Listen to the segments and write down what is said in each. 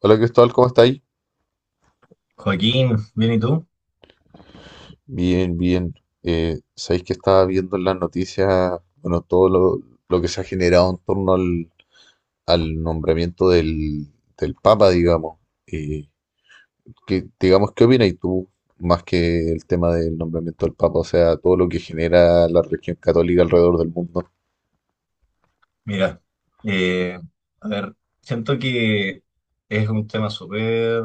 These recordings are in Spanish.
Hola Cristóbal, ¿cómo estáis? Joaquín, bien, ¿y tú? Bien, bien. Sabéis que estaba viendo en las noticias, bueno, lo que se ha generado en torno al nombramiento del Papa, digamos. Eh, ¿Qué opinas tú más que el tema del nombramiento del Papa? O sea, todo lo que genera la religión católica alrededor del mundo. Mira, eh, a ver, siento que es un tema súper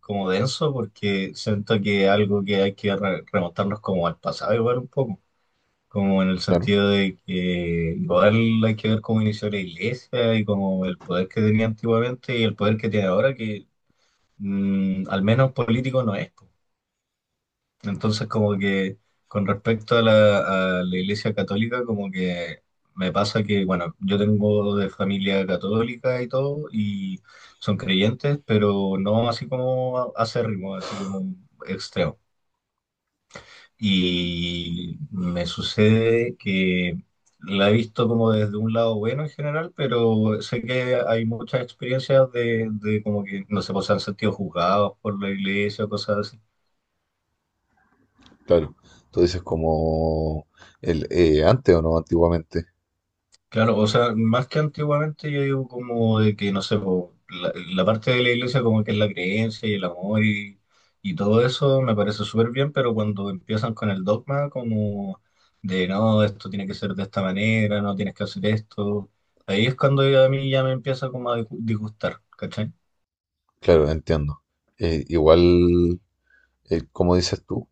como denso porque siento que es algo que hay que remontarnos como al pasado igual un poco, como en el Claro, sentido de que igual hay que ver cómo inició la iglesia y como el poder que tenía antiguamente y el poder que tiene ahora que al menos político no es. Entonces, como que con respecto a la Iglesia Católica, como que me pasa que, bueno, yo tengo de familia católica y todo, y son creyentes, pero no así como acérrimo, así como extremo. Y me sucede que la he visto como desde un lado bueno en general, pero sé que hay muchas experiencias de como que, no sé, pues se han sentido juzgados por la iglesia o cosas. claro. Tú dices como el, antes o no, antiguamente. Claro, o sea, más que antiguamente yo digo como de que, no sé, po, la parte de la iglesia como que es la creencia y el amor y todo eso me parece súper bien, pero cuando empiezan con el dogma como de no, esto tiene que ser de esta manera, no tienes que hacer esto, ahí es cuando ya a mí ya me empieza como a disgustar, ¿cachai? Claro, entiendo. Igual, como dices tú,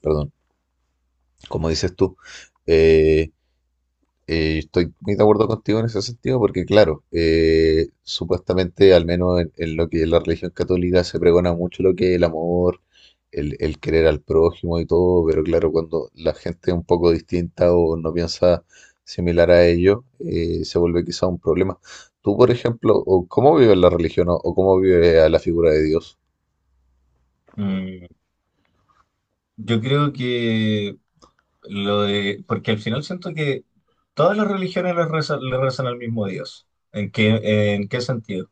perdón. Como dices tú. Eh, Estoy muy de acuerdo contigo en ese sentido porque, claro, supuestamente, al menos en lo que es la religión católica, se pregona mucho lo que es el amor, el querer al prójimo y todo, pero claro, cuando la gente es un poco distinta o no piensa similar a ello, se vuelve quizá un problema. Tú, por ejemplo, o ¿cómo vives la religión o cómo vives a la figura de Dios? Mm, yo creo que lo de, porque al final siento que todas las religiones le rezan al mismo Dios. En qué sentido?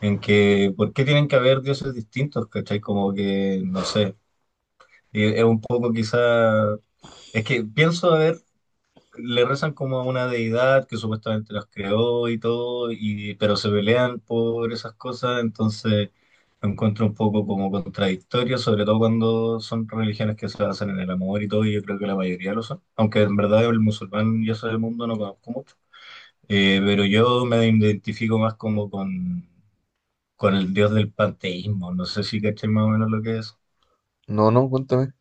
En que ¿por qué tienen que haber dioses distintos? ¿Cachai? Como que, no sé, y es un poco quizá, es que pienso, a ver, le rezan como a una deidad que supuestamente los creó y todo, y, pero se pelean por esas cosas, entonces lo encuentro un poco como contradictorio, sobre todo cuando son religiones que se basan en el amor y todo, y yo creo que la mayoría lo son, aunque en verdad el musulmán y eso del mundo no conozco mucho. Pero yo me identifico más como con el dios del panteísmo. No sé si caché más o menos lo que es. No, no, cuéntame.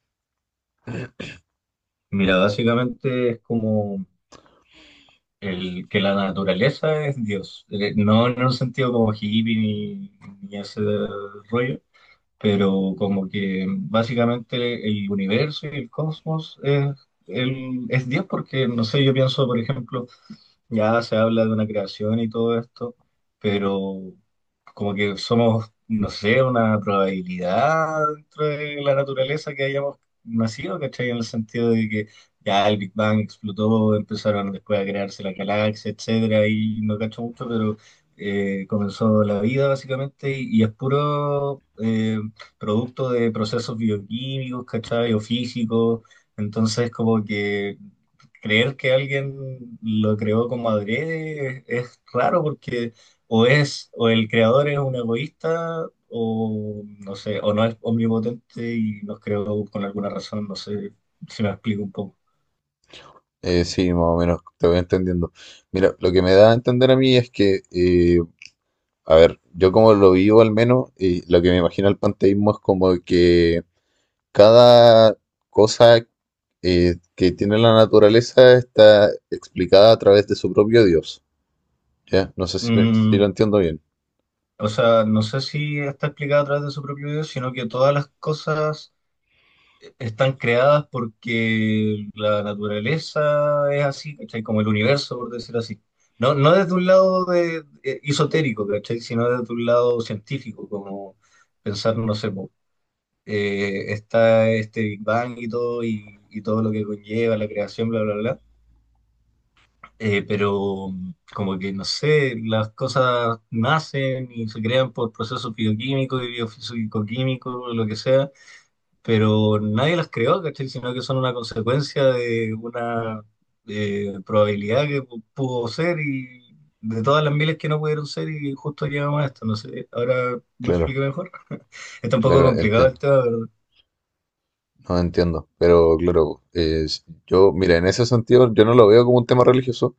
Mira, básicamente es como el que la naturaleza es Dios. No en un sentido como hippie ni, ni ese rollo, pero como que básicamente el universo y el cosmos es, es Dios, porque no sé, yo pienso, por ejemplo, ya se habla de una creación y todo esto, pero como que somos, no sé, una probabilidad dentro de la naturaleza que hayamos nacido, ¿cachai? En el sentido de que ya el Big Bang explotó, empezaron después a crearse la galaxia, etcétera, y no cacho mucho, pero comenzó la vida básicamente y es puro producto de procesos bioquímicos, ¿cachai? O físicos, entonces como que creer que alguien lo creó como adrede es raro porque o es, o el creador es un egoísta, o no sé, o no es omnipotente y nos creó con alguna razón, no sé si me explico un poco. Sí, más o menos, te voy entendiendo. Mira, lo que me da a entender a mí es que, yo como lo vivo al menos, y lo que me imagino el panteísmo es como que cada cosa que tiene la naturaleza está explicada a través de su propio Dios. ¿Ya? No sé si lo Mm, entiendo bien. o sea, no sé si está explicado a través de su propio video, sino que todas las cosas están creadas porque la naturaleza es así, ¿cachai? Como el universo, por decirlo así. No, no desde un lado de, esotérico, ¿cachai? Sino desde un lado científico, como pensar, no sé, po, está este Big Bang y todo lo que conlleva la creación, bla, bla, bla. Pero como que, no sé, las cosas nacen y se crean por procesos bioquímicos y biofísico-químicos, lo que sea pero nadie las creó, ¿cachai? Sino que son una consecuencia de una probabilidad que pudo ser y de todas las miles que no pudieron ser y justo llegamos a esto. No sé, ahora me Claro, explico mejor. Está un poco claro, complicado el entiendo. tema, ¿verdad? No entiendo. Pero claro, yo, mira, en ese sentido yo no lo veo como un tema religioso.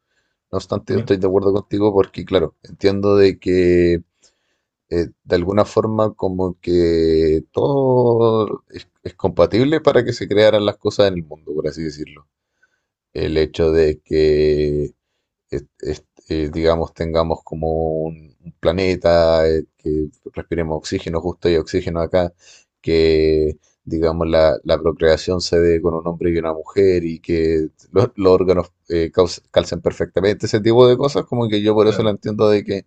No obstante, yo Ya, estoy de acuerdo contigo porque, claro, entiendo de que de alguna forma como que todo es compatible para que se crearan las cosas en el mundo, por así decirlo. El hecho de que, digamos, tengamos como un planeta, que respiremos oxígeno justo y oxígeno acá, que, digamos, la procreación se dé con un hombre y una mujer y que los órganos calcen perfectamente, ese tipo de cosas, como que yo por eso lo claro, entiendo de que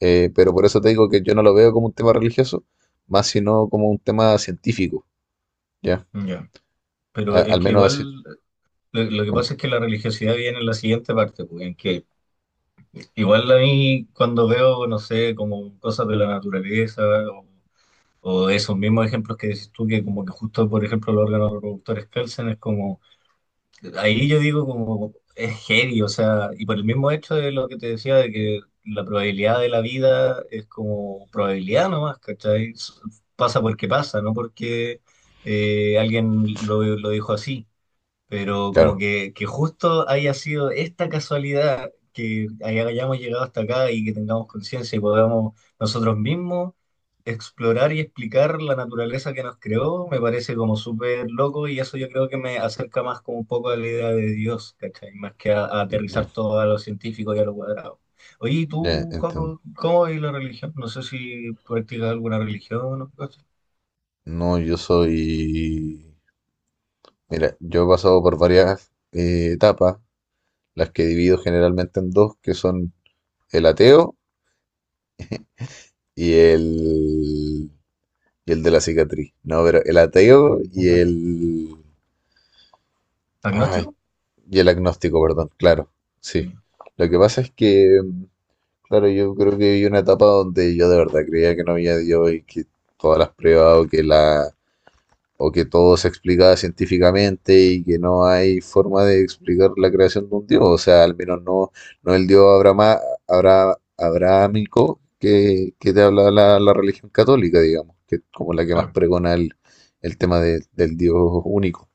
pero por eso te digo que yo no lo veo como un tema religioso, más sino como un tema científico, ¿ya? ya. Pero es Al que menos así, igual... Lo que pasa como- es que la religiosidad viene en la siguiente parte, pues, en que igual a mí cuando veo, no sé, como cosas de la naturaleza o esos mismos ejemplos que dices tú, que como que justo, por ejemplo, los órganos reproductores calcen, es como, ahí yo digo como, es heavy, o sea, y por el mismo hecho de lo que te decía, de que la probabilidad de la vida es como probabilidad nomás, ¿cachai? Pasa porque pasa, no porque alguien lo dijo así pero como claro, que justo haya sido esta casualidad que hayamos llegado hasta acá y que tengamos conciencia y podamos nosotros mismos explorar y explicar la naturaleza que nos creó, me parece como súper loco y eso yo creo que me acerca más como un poco a la idea de Dios, ¿cachai? Más que a aterrizar ya, todo a lo científico y a lo cuadrado. Oye, ¿y ya tú, entiendo. Juaco, cómo es la religión? No sé si practicas alguna religión o no. No, yo soy, mira, yo he pasado por varias etapas, las que divido generalmente en dos, que son el ateo y el, y el de la cicatriz. No, pero el ateo y el, ¿Agnóstico? ay, y el agnóstico, perdón, claro, sí. Mm, Lo que pasa es que claro, yo creo que vi una etapa donde yo de verdad creía que no había Dios y que todas las pruebas o que la o que todo se explicaba científicamente y que no hay forma de explicar la creación de un Dios, o sea, al menos no no el Dios abrahámico que que te habla la religión católica, digamos, que es como la que más claro. pregona el tema del Dios único.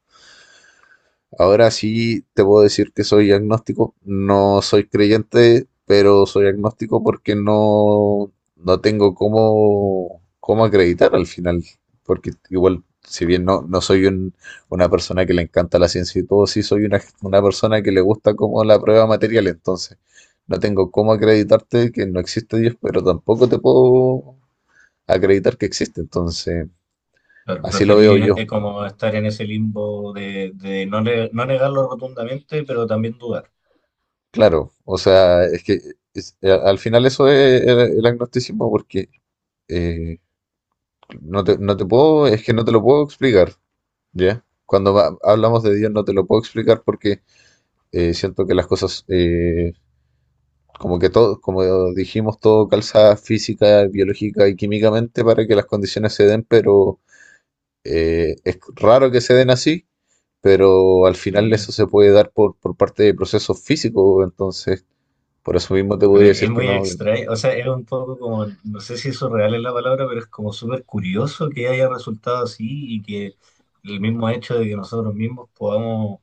Ahora sí te puedo decir que soy agnóstico. No soy creyente, pero soy agnóstico porque no tengo cómo acreditar al final. Porque igual, si bien no soy una persona que le encanta la ciencia y todo, sí soy una persona que le gusta como la prueba material. Entonces, no tengo cómo acreditarte que no existe Dios, pero tampoco te puedo acreditar que existe. Entonces, Claro, así lo veo preferí yo. Como estar en ese limbo de no, no negarlo rotundamente, pero también dudar. Claro, o sea, es que al final eso es el agnosticismo, porque eh, no te puedo, es que no te lo puedo explicar, ¿ya? Cuando hablamos de Dios no te lo puedo explicar porque siento que las cosas, como que todo, como dijimos, todo calza física, biológica y químicamente para que las condiciones se den, pero es raro que se den así, pero al final eso Sí, se puede dar por parte de procesos físicos, entonces por eso mismo te pero podría es decir que muy no. Que no. extraño, o sea, es un poco como, no sé si eso real es la palabra, pero es como súper curioso que haya resultado así y que el mismo hecho de que nosotros mismos podamos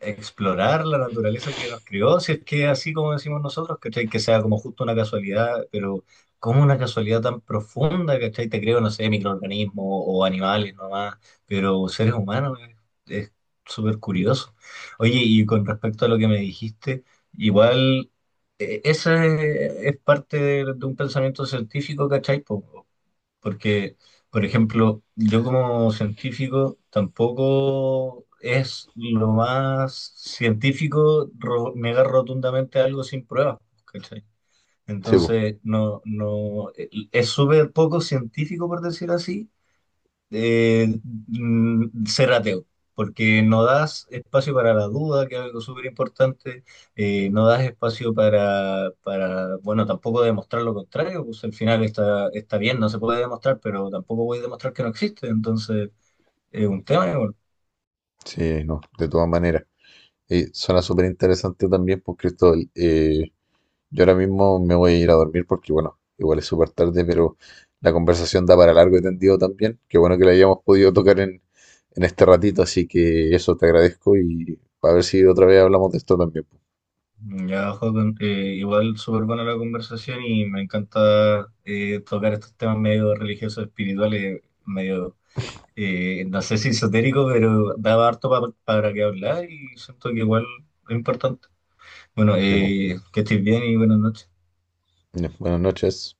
explorar la naturaleza que nos crió, si es que así como decimos nosotros, ¿cachai? Que sea como justo una casualidad, pero como una casualidad tan profunda, ¿cachai? Te creo, no sé, microorganismos o animales nomás, pero seres humanos es súper curioso. Oye, y con respecto a lo que me dijiste, igual esa es parte de un pensamiento científico, ¿cachai? Po, porque, por ejemplo, yo como científico tampoco es lo más científico negar rotundamente algo sin pruebas, ¿cachai? Sí, po. Entonces, no, no, es súper poco científico, por decir así, eh, ser ateo, porque no das espacio para la duda, que es algo súper importante, no das espacio para, bueno, tampoco demostrar lo contrario, pues al final está, está bien, no se puede demostrar, pero tampoco voy a demostrar que no existe, entonces es un tema igual. Sí, no, de todas maneras. Suena súper interesante también, pues Cristóbal. Yo ahora mismo me voy a ir a dormir porque, bueno, igual es súper tarde, pero la conversación da para largo y tendido también. Qué bueno que la hayamos podido tocar en este ratito, así que eso te agradezco y a ver si otra vez hablamos de esto también, pues. Ya, Joaquín, igual súper buena la conversación y me encanta tocar estos temas medio religiosos, espirituales, medio no sé si esotérico, pero daba harto para que hablar y siento que igual es importante. Bueno, Sí, que estés bien y buenas noches. pues. Buenas noches.